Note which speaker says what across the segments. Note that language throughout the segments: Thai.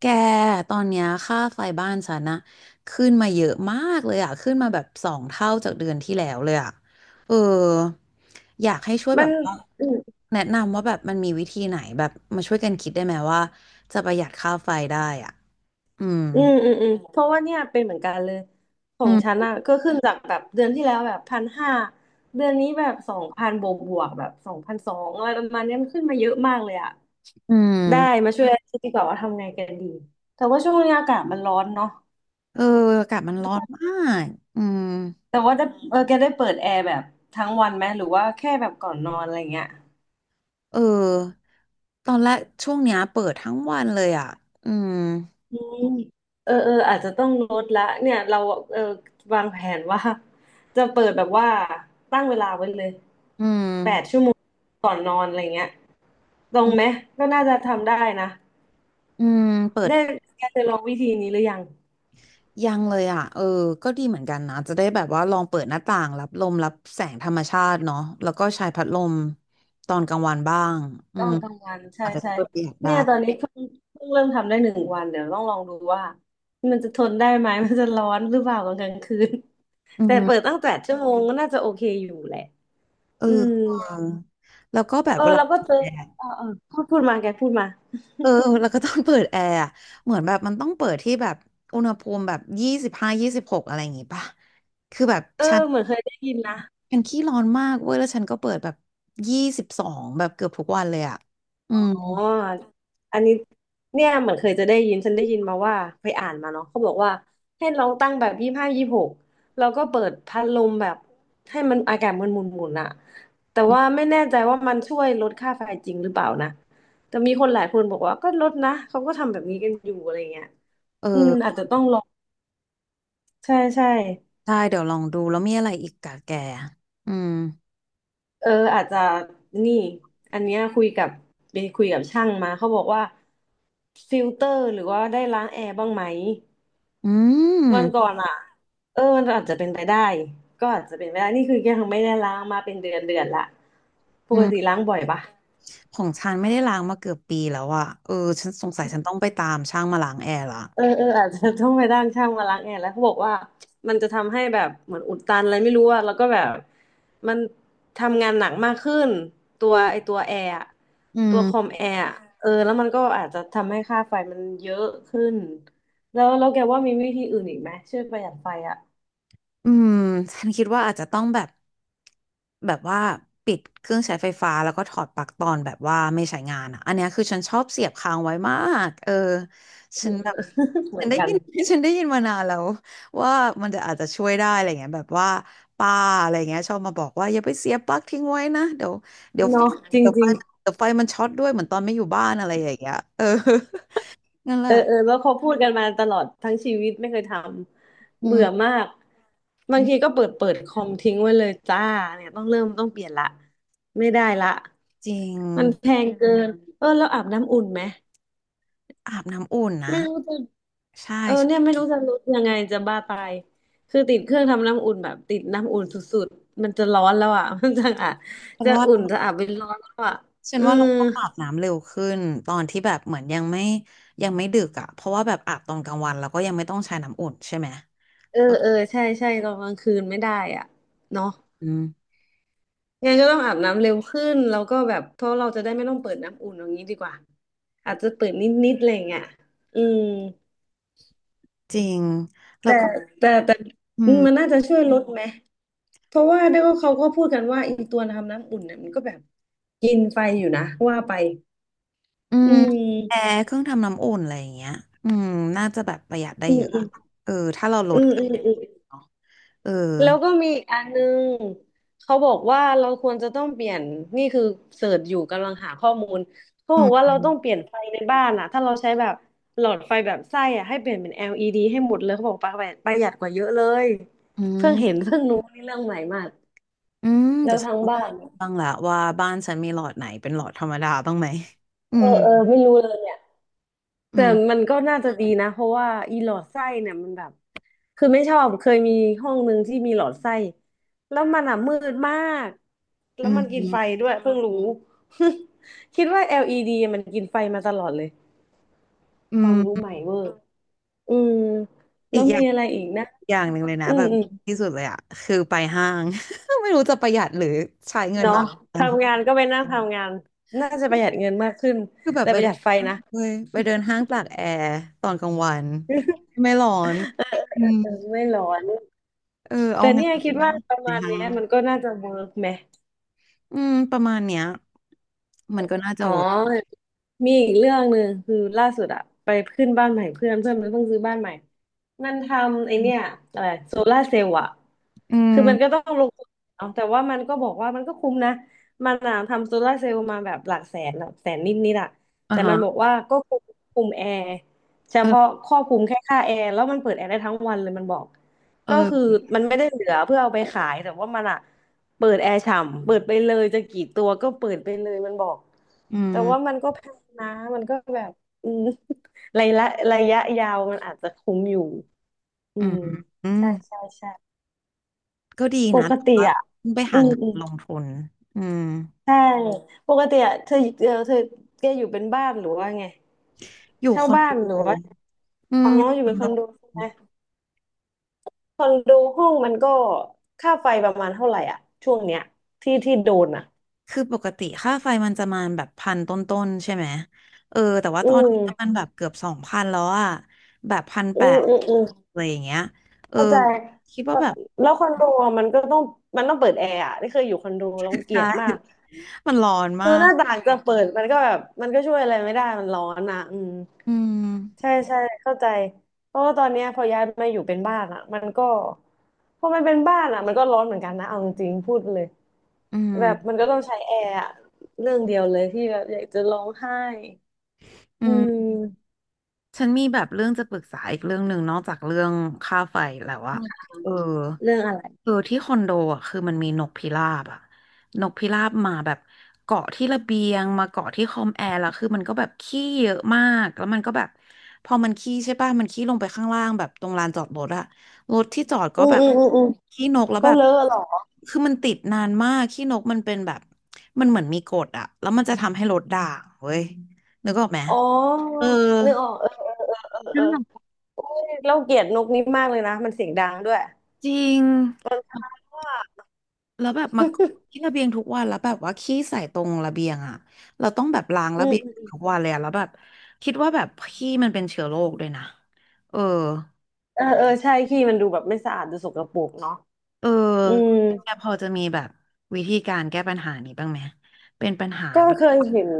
Speaker 1: แกตอนเนี้ยค่าไฟบ้านฉันนะขึ้นมาเยอะมากเลยอะขึ้นมาแบบสองเท่าจากเดือนที่แล้วเลยอะเอออยากให้ช่วย
Speaker 2: มั
Speaker 1: แบ
Speaker 2: น
Speaker 1: บว่าแนะนำว่าแบบมันมีวิธีไหนแบบมาช่วยกันคิดได้ไหมว่าจะประหยัดค่าไฟได้อ่ะอืม
Speaker 2: อืมอืมอืมเพราะว่าเนี่ยเป็นเหมือนกันเลยขอ
Speaker 1: อื
Speaker 2: งฉัน
Speaker 1: ม
Speaker 2: อ่ะก็ขึ้นจากแบบเดือนที่แล้วแบบ1,500เดือนนี้แบบสองพันบวกแบบ2,200อะไรประมาณเนี้ยมันขึ้นมาเยอะมากเลยอ่ะ
Speaker 1: อืม
Speaker 2: ได้มาช่วยคิดดีกว่าว่าทำไงกันดี แต่ว่าช่วงนี้อากาศมันร้อนเนาะ
Speaker 1: เอออากาศมันร้อนมากอืม
Speaker 2: แต่ว่าได้เออแกได้เปิดแอร์แบบทั้งวันไหมหรือว่าแค่แบบก่อนนอนอะไรเงี้ย
Speaker 1: เออตอนแรกช่วงเนี้ยเปิดทั้งวันเลยอ่ะอืม
Speaker 2: อืมอาจจะต้องลดละเนี่ยเราเออวางแผนว่าจะเปิดแบบว่าตั้งเวลาไว้เลย
Speaker 1: อืม
Speaker 2: แปดชั่วโมงก่อนนอนอะไรเงี้ยตร
Speaker 1: อื
Speaker 2: ง
Speaker 1: ม
Speaker 2: ไหมก็น่าจะทำได้นะ
Speaker 1: อืมเปิด
Speaker 2: ได้แกจะลองวิธีนี้หรือยัง
Speaker 1: ยังเลยอ่ะเออก็ดีเหมือนกันนะจะได้แบบว่าลองเปิดหน้าต่างรับลมรับแสงธรรมชาติเนาะแล้วก็ใช้พัดลมตอนกลางวันบ้างอื
Speaker 2: ต้อ
Speaker 1: ม
Speaker 2: งทำงานใช่
Speaker 1: อาจจะ
Speaker 2: ใช่
Speaker 1: ช่วยประหยัดได้
Speaker 2: เนี่ยตอนนี้เพิ่งเริ่มทำได้หนึ่งวันเดี๋ยวต้องลองดูว่ามันจะทนได้ไหมมันจะร้อนหรือเปล่าตอนกลางคืน
Speaker 1: อื
Speaker 2: แต่เปิด
Speaker 1: ม
Speaker 2: ตั้งแปดชั่วโมงก็น่าจะโอเคอยู่แหละ
Speaker 1: เออ
Speaker 2: อืม
Speaker 1: เออแล้วก็แบบ
Speaker 2: เออ
Speaker 1: เวลา
Speaker 2: เราก็เจอ
Speaker 1: แอร์
Speaker 2: เออเออพูดพูดมาแกพูดมา
Speaker 1: เออแล้วก็ต้องเปิดแอร์อะเหมือนแบบมันต้องเปิดที่แบบอุณหภูมิแบบยี่สิบห้ายี่สิบหกอะไรอย่างงี้ป่ะคือแบบ
Speaker 2: เออ
Speaker 1: ฉัน
Speaker 2: เหมือนเคยได้ยินนะ
Speaker 1: ฉันขี้ร้อนมากเว้ยแล้วฉันก็เปิดแบบยี่สิบสองแบบเกือบทุกวันเลยอ่ะอื
Speaker 2: อ
Speaker 1: ม
Speaker 2: ๋ออันนี้เนี่ยเหมือนเคยจะได้ยินฉันได้ยินมาว่าไปอ่านมาเนาะเขาบอกว่าให้ลองตั้งแบบ25-26แล้วก็เปิดพัดลมแบบให้มันอากาศมันหมุนหมุนอะแต่ว่าไม่แน่ใจว่ามันช่วยลดค่าไฟจริงหรือเปล่านะแต่มีคนหลายคนบอกว่าก็ลดนะเขาก็ทำแบบนี้กันอยู่อะไรเงี้ย
Speaker 1: เอ
Speaker 2: อืมอาจ
Speaker 1: อ
Speaker 2: จะต้องลองใช่ใช่
Speaker 1: ได้เดี๋ยวลองดูแล้วมีอะไรอีกกะแกอืม
Speaker 2: เอออาจจะนี่อันเนี้ยคุยกับไปคุยกับช่างมาเขาบอกว่าฟิลเตอร์หรือว่าได้ล้างแอร์บ้างไหม
Speaker 1: อืม
Speaker 2: วันก่อนอ่ะเออมันอาจจะเป็นไปได้ก็อาจจะเป็นไปได้นี่คือยังไม่ได้ล้างมาเป็นเดือนเดือนละป
Speaker 1: อื
Speaker 2: ก
Speaker 1: ม
Speaker 2: ติล้างบ่อยปะ
Speaker 1: ของฉันไม่ได้ล้างมาเกือบปีแล้วอะเออฉันสงสัยฉันต้องไปตามช่างมาล้างแอร์ละ
Speaker 2: เออเอออาจจะต้องไปจ้างช่างมาล้างแอร์แล้วเขาบอกว่ามันจะทำให้แบบเหมือนอุดตันอะไรไม่รู้อะแล้วก็แบบมันทำงานหนักมากขึ้นตัวแอร์อะ
Speaker 1: อื
Speaker 2: ตัวคอ
Speaker 1: ม
Speaker 2: มแอร์อะเออแล้วมันก็อาจจะทำให้ค่าไฟมันเยอะขึ้นแล้วแกว่ามีวิธีอื่นอีกไหมช่วยประหยัดไฟอะ
Speaker 1: อืมฉันคิดว่าอาจจะต้องแบบแบบว่าปิดเครื่องใช้ไฟฟ้าแล้วก็ถอดปลั๊กตอนแบบว่าไม่ใช้งานอ่ะอันเนี้ยคือฉันชอบเสียบค้างไว้มากเออฉันแบบ
Speaker 2: เห
Speaker 1: ฉั
Speaker 2: มื
Speaker 1: น
Speaker 2: อน
Speaker 1: ได้
Speaker 2: กั
Speaker 1: ยิ
Speaker 2: น
Speaker 1: น ฉันได้ยินมานานแล้วว่ามันจะอาจจะช่วยได้อะไรเงี้ยแบบว่าป้าอะไรเงี้ยชอบมาบอกว่าอย่าไปเสียบปลั๊กทิ้งไว้นะเดี๋ยวเดี๋ยวไฟ
Speaker 2: เนาะจ
Speaker 1: เดี๋ยวไฟ
Speaker 2: ริงๆ
Speaker 1: มันเดี๋ยวไฟมันช็อตด้วยเหมือนตอนไม่อยู่บ้านอะไรอย่างเงี้ยเออ นั่นแห
Speaker 2: เออ
Speaker 1: ละ
Speaker 2: เออแล้วเขาพูดกันมาตลอดทั้งชีวิตไม่เคยทำ
Speaker 1: อืม
Speaker 2: เบื่อมากบา
Speaker 1: อื
Speaker 2: ง
Speaker 1: ม
Speaker 2: ทีก็เปิดคอมทิ้งไว้เลยจ้าเนี่ยต้องเริ่มต้องเปลี่ยนละไม่ได้ละ
Speaker 1: จริง
Speaker 2: มันแพงเกินเออแล้วอาบน้ำอุ่นไหม
Speaker 1: อาบน้ำอุ่นนะ
Speaker 2: ไม่รู้จะ
Speaker 1: ใช่
Speaker 2: เออ
Speaker 1: ฉ
Speaker 2: เนี่ยไม่รู้จะลดยังไงจะบ้าตายคือติดเครื่องทำน้ำอุ่นแบบติดน้ำอุ่นสุดๆมันจะร้อนแล้วอ่ะ มันจะอ่ะ
Speaker 1: ัน
Speaker 2: จะ
Speaker 1: ว่า
Speaker 2: อุ่นจะอาบเป็นร้อนแล้วอ่ะ
Speaker 1: ฉัน
Speaker 2: อื
Speaker 1: ว่า
Speaker 2: ม
Speaker 1: เราต้องอาบน้ำเร็วขึ้นตอนที่แบบเหมือนยังไม่ยังไม่ดึกอ่ะเพราะว่าแบบอาบตอนกลางวันเราก็ยังไม่ต้องใช้น้ำอุ่นใช่ไหม
Speaker 2: เออ
Speaker 1: เออ
Speaker 2: เออใช่ใช่ตอนกลางคืนไม่ได้อ่ะเนาะ
Speaker 1: อืม
Speaker 2: งั้นก็ต้องอาบน้ำเร็วขึ้นแล้วก็แบบเพราะเราจะได้ไม่ต้องเปิดน้ำอุ่นอย่างนี้ดีกว่าอาจจะเปิดนิดๆอะไรอย่างเงี้ยอืม
Speaker 1: จริงแล้ว
Speaker 2: แต่
Speaker 1: ก็
Speaker 2: แต่แต่
Speaker 1: อื
Speaker 2: ม
Speaker 1: ม
Speaker 2: มันน่าจะช่วยลดไหมเพราะว่าได้ก็เขาก็พูดกันว่าอีตัวทำน้ำอุ่นเนี่ยมันก็แบบกินไฟอยู่นะว่าไป
Speaker 1: อื
Speaker 2: อื
Speaker 1: มแอ
Speaker 2: ม
Speaker 1: ร์เครื่องทำน้ำอุ่นอะไรอย่างเงี้ยอืมน่าจะแบบประหยัดได้
Speaker 2: อื
Speaker 1: เย
Speaker 2: ม
Speaker 1: อะ
Speaker 2: อื
Speaker 1: อะ
Speaker 2: ม
Speaker 1: เออถ้าเราล
Speaker 2: อื
Speaker 1: ด
Speaker 2: มอืม
Speaker 1: เนาะเออ
Speaker 2: แล้วก็มีอีกอันนึงเขาบอกว่าเราควรจะต้องเปลี่ยนนี่คือเสิร์ชอยู่กำลังหาข้อมูลเขา
Speaker 1: อื
Speaker 2: บอกว่า
Speaker 1: ม
Speaker 2: เราต้องเปลี่ยนไฟในบ้านอะถ้าเราใช้แบบหลอดไฟแบบไส้อะให้เปลี่ยนเป็น LED ให้หมดเลยเขาบอกประหยัดกว่าเยอะเลย
Speaker 1: อื
Speaker 2: เพิ่งเห็น
Speaker 1: ม
Speaker 2: เพิ่งรู้นี่เรื่องใหม่มาก
Speaker 1: อืม
Speaker 2: แล้
Speaker 1: เดี๋ย
Speaker 2: ว
Speaker 1: วฉัน
Speaker 2: ทั้ง
Speaker 1: ต้องไป
Speaker 2: บ้าน
Speaker 1: ดูบ้างละว่าบ้านฉันมีหลอดไหนเป็นหลอดธรรมดาบ้างไหมอื
Speaker 2: เออ
Speaker 1: ม
Speaker 2: เออไม่รู้เลยเนี่ย
Speaker 1: อื
Speaker 2: แต่มั
Speaker 1: ม
Speaker 2: นก็น่าจะดีนะเพราะว่าอีหลอดไส้เนี่ยมันแบบ คือไม่ชอบเคยมีห้องหนึ่งที่มีหลอดไส้แล้วมันอ่ะมืดมากแล้
Speaker 1: อื
Speaker 2: วมันกินไฟ
Speaker 1: ม
Speaker 2: ด้วยเพิ่งรู้ คิดว่า LED มันกินไฟมาตลอดเลย
Speaker 1: อื
Speaker 2: ความรู้
Speaker 1: ม
Speaker 2: ใหม่เวอร์อืมแล้
Speaker 1: อี
Speaker 2: ว
Speaker 1: กอ
Speaker 2: มี
Speaker 1: ย่าง
Speaker 2: อะไรอีกนะ
Speaker 1: อย่างหนึ่งเลยนะ
Speaker 2: อื
Speaker 1: แบ
Speaker 2: ม
Speaker 1: บ
Speaker 2: อืม
Speaker 1: ที่สุดเลยอะคือไปห้าง ไม่รู้จะประหยัดหรือใช้เงิน
Speaker 2: เนาะ
Speaker 1: มากกัน
Speaker 2: ทำงานก็ไปนั่งทำงานน่าจะประหยัดเงินมากขึ้น
Speaker 1: คือแบบ
Speaker 2: แต่
Speaker 1: ไป
Speaker 2: ประห
Speaker 1: เดิ
Speaker 2: ยัด
Speaker 1: น
Speaker 2: ไฟ
Speaker 1: ห้าง
Speaker 2: นะ
Speaker 1: เว้ยไปเดินห้างตากแอร์ตอนกลางวันไม่ร้อนอื
Speaker 2: เออ
Speaker 1: ม
Speaker 2: ไม่ร้อน
Speaker 1: เออเอา
Speaker 2: แต่
Speaker 1: งาน
Speaker 2: เนี่ยคิด
Speaker 1: นะ
Speaker 2: ว่าประ
Speaker 1: ใน
Speaker 2: มาณ
Speaker 1: ห้า
Speaker 2: เนี้ย
Speaker 1: ง
Speaker 2: มันก็น่าจะเวิร์กไหม
Speaker 1: อืมประมาณเนี้ยมันก็น่าจะ
Speaker 2: อ๋อ
Speaker 1: เวิร์ก
Speaker 2: มีอีกเรื่องหนึ่งคือล่าสุดอะไปขึ้นบ้านใหม่เพื่อนเพื่อนมันเพิ่งซื้อบ้านใหม่มันทำไอเนี่ยอะไรโซลาร์เซลล์อะ
Speaker 1: อื
Speaker 2: คือมันก็
Speaker 1: ม
Speaker 2: ต้องลงทุนเนาะแต่ว่ามันก็บอกว่ามันก็คุ้มนะมันอะทำโซลาร์เซลล์มาแบบหลักแสนหลักแสนนิดนิดอะ
Speaker 1: อ่า
Speaker 2: แต่มันบอก
Speaker 1: ฮะ
Speaker 2: ว่าก็คุมคุมแอร์เฉ
Speaker 1: เอ
Speaker 2: พาะ
Speaker 1: อ
Speaker 2: ครอบคลุมแค่ค่าแอร์แล้วมันเปิดแอร์ได้ทั้งวันเลยมันบอกก็คือ
Speaker 1: เออ
Speaker 2: มันไม่ได้เหลือเพื่อเอาไปขายแต่ว่ามันอะ เปิดแอร์ฉ่ำเปิดไปเลยจะกี่ตัวก็เปิดไปเลยมันบอก
Speaker 1: อื
Speaker 2: แต่ว่า
Speaker 1: ม
Speaker 2: มันก็แพงนะมันก็แบบอืม ระยะระยะยาวมันอาจจะคุ้มอยู่อื
Speaker 1: อืม
Speaker 2: ม
Speaker 1: อืม
Speaker 2: ใช่ใช่ใช่
Speaker 1: ก็ดี
Speaker 2: ป
Speaker 1: นะ
Speaker 2: ก
Speaker 1: แต่
Speaker 2: ติ
Speaker 1: ว่า
Speaker 2: อ่ะ
Speaker 1: ต้องไป
Speaker 2: อื
Speaker 1: หา
Speaker 2: ม
Speaker 1: งาน
Speaker 2: อืม
Speaker 1: ลงทุนอืม
Speaker 2: ใช่ปกติอ่ะเธอเออเธอแกอยู่เป็นบ้านหรือว่าไง
Speaker 1: อยู่
Speaker 2: เช่า
Speaker 1: คอน
Speaker 2: บ้า
Speaker 1: โด
Speaker 2: นหรือว่า
Speaker 1: อื
Speaker 2: อ๋
Speaker 1: ม
Speaker 2: อ
Speaker 1: อยู่
Speaker 2: อ
Speaker 1: ค
Speaker 2: ยู่
Speaker 1: อ
Speaker 2: เป็
Speaker 1: น
Speaker 2: นค
Speaker 1: โด
Speaker 2: อนโดใช่ไหมคอนโดห้องมันก็ค่าไฟประมาณเท่าไหร่อ่ะช่วงเนี้ยที่โดนอ่ะ
Speaker 1: คือปกติค่าไฟมันจะมาแบบพันต้นๆใช่ไหมเออแต่ว่า
Speaker 2: อื
Speaker 1: ตอน
Speaker 2: ม
Speaker 1: นี้มันแบบเกือบสองพันแล้วอะแบบพัน
Speaker 2: อื
Speaker 1: แป
Speaker 2: ม
Speaker 1: ด
Speaker 2: อืมอืม
Speaker 1: อะไรอย่างเงี้ยเออ
Speaker 2: เข้าใจ
Speaker 1: คิดว่า
Speaker 2: เอ่อ
Speaker 1: แบบ
Speaker 2: แล้วคอนโดอะมันก็ต้องมันต้องเปิดแอร์อ่ะนี่เคยอยู่คอนโดแล้ว เกลี
Speaker 1: ใช่
Speaker 2: ยดมาก
Speaker 1: มันร้อนมา
Speaker 2: คือห
Speaker 1: ก
Speaker 2: น้าต่างจะเปิดมันก็แบบมันก็ช่วยอะไรไม่ได้มันร้อนอ่ะอืม
Speaker 1: อืม
Speaker 2: ใช่ใช่เข้าใจเพราะว่าตอนเนี้ยพอย้ายมาอยู่เป็นบ้านอ่ะมันก็พอมันเป็นบ้านอ่ะมันก็ร้อนเหมือนกันนะเอาจริงๆพูดเลย
Speaker 1: อื
Speaker 2: แบบมั
Speaker 1: ม
Speaker 2: นก็ต้องใช้แอร์อะเรื่องเดียวเลยที่แบบอยากจะร้องไห้
Speaker 1: อื
Speaker 2: อื
Speaker 1: ม
Speaker 2: ม
Speaker 1: ฉันมีแบบเรื่องจะปรึกษาอีกเรื่องหนึ่งนอกจากเรื่องค่าไฟแล้วอะเออ
Speaker 2: เรื่องอะไร
Speaker 1: เออที่คอนโดอะคือมันมีนกพิราบอะนกพิราบมาแบบเกาะที่ระเบียงมาเกาะที่คอมแอร์แล้วคือมันก็แบบขี้เยอะมากแล้วมันก็แบบพอมันขี้ใช่ป่ะมันขี้ลงไปข้างล่างแบบตรงลานจอดรถอะรถที่จอดก็
Speaker 2: อืม
Speaker 1: แบบ
Speaker 2: อืมอืมอืม
Speaker 1: ขี้นกแล้ว
Speaker 2: ก็
Speaker 1: แบบ
Speaker 2: เลอะเหรอ
Speaker 1: คือมันติดนานมากขี้นกมันเป็นแบบมันเหมือนมีกฎอะแล้วมันจะทำให้รถด่างเว้ยนึกออกไหม
Speaker 2: อ๋อ
Speaker 1: เออ
Speaker 2: นึกออกเออเออเออเอ
Speaker 1: น้ำหนัก
Speaker 2: อ เราเกลียดนกนี้มากเลยนะมันเสียงดังด้วย
Speaker 1: จริง
Speaker 2: ว่า
Speaker 1: แล้วแบบมาที่ระเบียงทุกวันแล้วแบบว่าขี้ใส่ตรงระเบียงอ่ะเราต้องแบบล้าง
Speaker 2: อื
Speaker 1: ระ
Speaker 2: ม
Speaker 1: เบียง
Speaker 2: อืม
Speaker 1: ทุกวันเลยอะแล้วแบบคิดว่าแบบขี้มันเป็นเชื้อโรคด้วยนะเออ
Speaker 2: เออเออใช่ขี้มันดูแบบไม่สะอาดดูสกปรกเนาะ
Speaker 1: เออ
Speaker 2: อืม
Speaker 1: แกพอจะมีแบบวิธีการแก้ปัญหานี้บ้างไหมเป็นปัญหา
Speaker 2: ก็
Speaker 1: แบบ
Speaker 2: เคยเห็น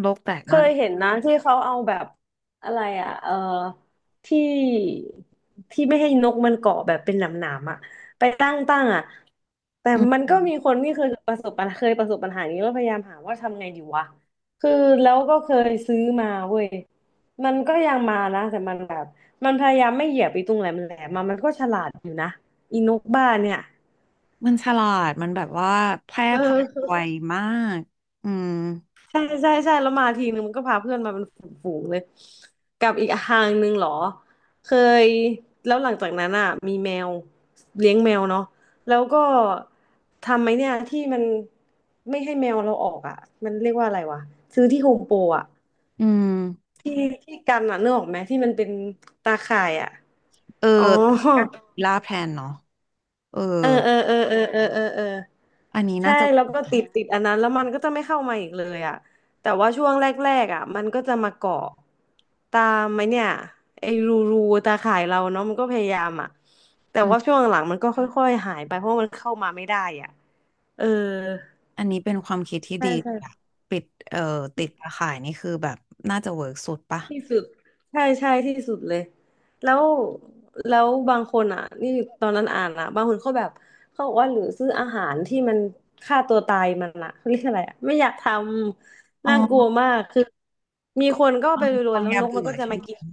Speaker 1: โลกแตก
Speaker 2: เค
Speaker 1: มา
Speaker 2: ย
Speaker 1: ก
Speaker 2: เห็นนะที่เขาเอาแบบอะไรอ่ะเออที่ที่ไม่ให้นกมันเกาะแบบเป็นหนามๆอ่ะไปตั้งอ่ะแต่
Speaker 1: อื
Speaker 2: มั
Speaker 1: ม
Speaker 2: นก็มีคนที่เคยประสบปัญหานี้แล้วพยายามหาว่าทำไงดีวะคือแล้วก็เคยซื้อมาเว้ยมันก็ยังมานะแต่มันแบบมันพยายามไม่เหยียบไปตรงแหลมแหลมมามันก็ฉลาดอยู่นะอีนกบ้าเนี่ย
Speaker 1: มันฉลาด มันแบบว่าแพร่
Speaker 2: เอ
Speaker 1: พันธุ์ไว
Speaker 2: อ
Speaker 1: มากอืม
Speaker 2: ใช่ใช่ใช่แล้วมาทีนึงมันก็พาเพื่อนมาเป็นฝูงๆเลยกับอีกทางหนึ่งเหรอเคยแล้วหลังจากนั้นอ่ะมีแมวเลี้ยงแมวเนาะแล้วก็ทำไหมเนี่ยที่มันไม่ให้แมวเราออกอ่ะมันเรียกว่าอะไรวะซื้อที่โฮมโปรอ่ะ
Speaker 1: อืม
Speaker 2: ที่ที่กันอ่ะนึกออกไหมที่มันเป็นตาข่ายอ่ะ
Speaker 1: เออ
Speaker 2: อ๋อ
Speaker 1: แต่มันก็ล่าแพลนเนาะเออ
Speaker 2: เออเออเออเออเออเออเออ
Speaker 1: อันนี้น่า
Speaker 2: ใช่
Speaker 1: จะ
Speaker 2: แล้วก็ติดอันนั้นแล้วมันก็จะไม่เข้ามาอีกเลยอ่ะแต่ว่าช่วงแรกๆอ่ะมันก็จะมาเกาะตามไหมเนี่ยไอ้รูตาข่ายเราเนาะมันก็พยายามอ่ะแต่ว่าช่วงหลังมันก็ค่อยๆหายไปเพราะมันเข้ามาไม่ได้อ่ะเออ
Speaker 1: อันนี้เป็นความคิดที่
Speaker 2: ใช่
Speaker 1: ดี
Speaker 2: ใช่
Speaker 1: อะปิดเอ่อติดตาข่ายนี่คือแบบน่าจะเวิร์กสุดปะ
Speaker 2: ที่สุดใช่ใช่ที่สุดเลยแล้วแล้วบางคนอ่ะนี่ตอนนั้นอ่านอ่ะบางคนเขาแบบเขาบอกว่าหรือซื้ออาหารที่มันฆ่าตัวตายมันอ่ะเขาเรียกอะไรอ่ะไม่อยากทำ
Speaker 1: อ๋
Speaker 2: น่ากลัว
Speaker 1: อ
Speaker 2: มากคือมี
Speaker 1: ก็
Speaker 2: คนก็
Speaker 1: ตอ
Speaker 2: ไป
Speaker 1: น
Speaker 2: โร
Speaker 1: ต
Speaker 2: ย
Speaker 1: อ
Speaker 2: ๆ
Speaker 1: น
Speaker 2: แล้ว
Speaker 1: ยา
Speaker 2: นกมั
Speaker 1: เบื่
Speaker 2: น
Speaker 1: อ
Speaker 2: ก็จะ
Speaker 1: ใช่
Speaker 2: มา
Speaker 1: ไห
Speaker 2: กิน
Speaker 1: ม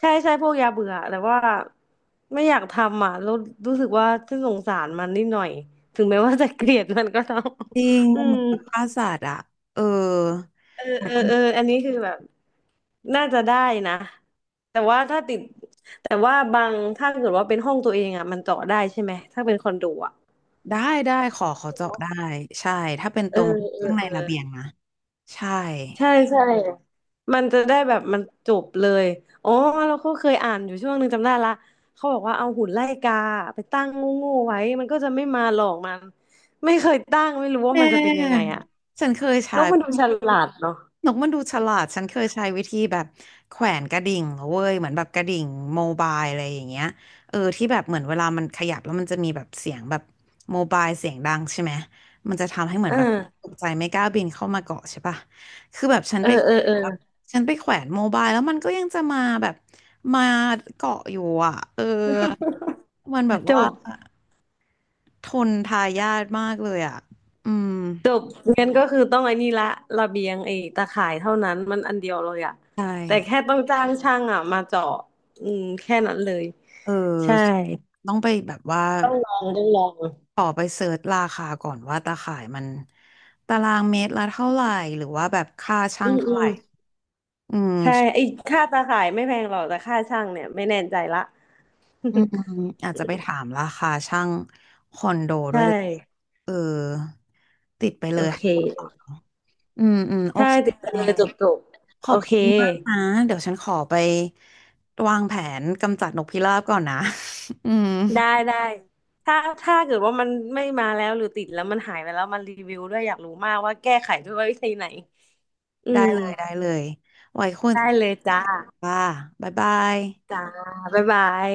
Speaker 2: ใช่ใช่พวกยาเบื่อแต่ว่าไม่อยากทำอ่ะแล้วรู้สึกว่าฉันสงสารมันนิดหน่อยถึงแม้ว่าจะเกลียดมันก็ต้อง
Speaker 1: จริง
Speaker 2: อื
Speaker 1: มันเห
Speaker 2: ม
Speaker 1: มือนกับฆ่าสัตว์อะเออ
Speaker 2: เออเออเอออันนี้คือแบบน่าจะได้นะแต่ว่าถ้าติดแต่ว่าบางถ้าเกิดว่าเป็นห้องตัวเองอ่ะมันเจาะได้ใช่ไหมถ้าเป็นคอนโดอ่ะ
Speaker 1: ได้ได้ขอขอเจาะได้ใช่ถ้าเป็นต
Speaker 2: เออ
Speaker 1: รง
Speaker 2: เอ
Speaker 1: ข้า
Speaker 2: อ
Speaker 1: งใน
Speaker 2: เออ
Speaker 1: ระเบียงนะใช่
Speaker 2: ใช่ใช่มันจะได้แบบมันจบเลยอ๋อเราก็เคยอ่านอยู่ช่วงหนึ่งจำได้ละเขาบอกว่าเอาหุ่นไล่กาไปตั้งโง่ๆไว้มันก็จะไม่มาหลอกมันไม่เคยตั้งไม่รู้
Speaker 1: แต
Speaker 2: ว่ามันจะเป็นยังไง
Speaker 1: ่
Speaker 2: อะ
Speaker 1: ฉันเคย
Speaker 2: น
Speaker 1: ใช้
Speaker 2: กมันดูฉลาดเนาะ
Speaker 1: นกมันดูฉลาดฉันเคยใช้วิธีแบบแขวนกระดิ่งเว้ยเหมือนแบบกระดิ่งโมบายอะไรอย่างเงี้ยเออที่แบบเหมือนเวลามันขยับแล้วมันจะมีแบบเสียงแบบโมบายเสียงดังใช่ไหมมันจะทำให้เหมือ
Speaker 2: เอ
Speaker 1: น
Speaker 2: อ
Speaker 1: แบบตกใจไม่กล้าบินเข้ามาเกาะใช่ปะคือแบบฉัน
Speaker 2: เออ
Speaker 1: ไปแข
Speaker 2: เออ
Speaker 1: ว
Speaker 2: เอ
Speaker 1: น
Speaker 2: อ
Speaker 1: แบบฉันไปแขวนโมบายแล้วมันก็ยังจะมาแบบมาเกาะอยู่อ่ะเออมันแบบ
Speaker 2: จ
Speaker 1: ว่า
Speaker 2: บ
Speaker 1: ทนทายาทมากเลยอ่ะอืม
Speaker 2: จบงั้นก็คือต้องไอ้นี่ละระเบียงไอ้ตะข่ายเท่านั้นมันอันเดียวเลยอะ
Speaker 1: ใช่
Speaker 2: แต่แค่ต้องจ้างช่างอะมาเจาะอืมแค่นั้นเลย
Speaker 1: เอ
Speaker 2: ใช่
Speaker 1: อต้องไปแบบว่า
Speaker 2: ต้องลอง
Speaker 1: ขอไปเสิร์ชราคาก่อนว่าตาข่ายมันตารางเมตรละเท่าไหร่หรือว่าแบบค่าช่า
Speaker 2: อื
Speaker 1: ง
Speaker 2: ม
Speaker 1: เท่า
Speaker 2: อื
Speaker 1: ไห
Speaker 2: ม
Speaker 1: ร่อืม
Speaker 2: ใช่ไอ้ค่าตาข่ายไม่แพงหรอกแต่ค่าช่างเนี่ยไม่แน่ใจละ
Speaker 1: อืม อืมอาจจะไปถามราคาช่างคอนโด
Speaker 2: ใช
Speaker 1: ด้วยแหละ
Speaker 2: ่
Speaker 1: เออติดไป
Speaker 2: โอ
Speaker 1: เลย
Speaker 2: เค
Speaker 1: อืมอืมโอ
Speaker 2: ใช่
Speaker 1: เค
Speaker 2: ติดไป
Speaker 1: แก
Speaker 2: เลยจบจบ
Speaker 1: ขอ
Speaker 2: โอ
Speaker 1: บ
Speaker 2: เค
Speaker 1: คุณมากนะ เดี๋ยวฉันขอไปวางแผนกำจัดนกพิราบก่อนนะ อืม
Speaker 2: ได้ได้ถ้าถ้าเกิดว่ามันไม่มาแล้วหรือติดแล้วมันหายไปแล้วมันรีวิวด้วยอยากรู้มากว่าแก้ไขด้วยวิธีไหนอื
Speaker 1: ได้
Speaker 2: ม
Speaker 1: เลยได้เลย ไว้คุยกัน
Speaker 2: ได้เลยจ้า
Speaker 1: ค่ะบ๊ายบาย
Speaker 2: จ้าบ๊ายบาย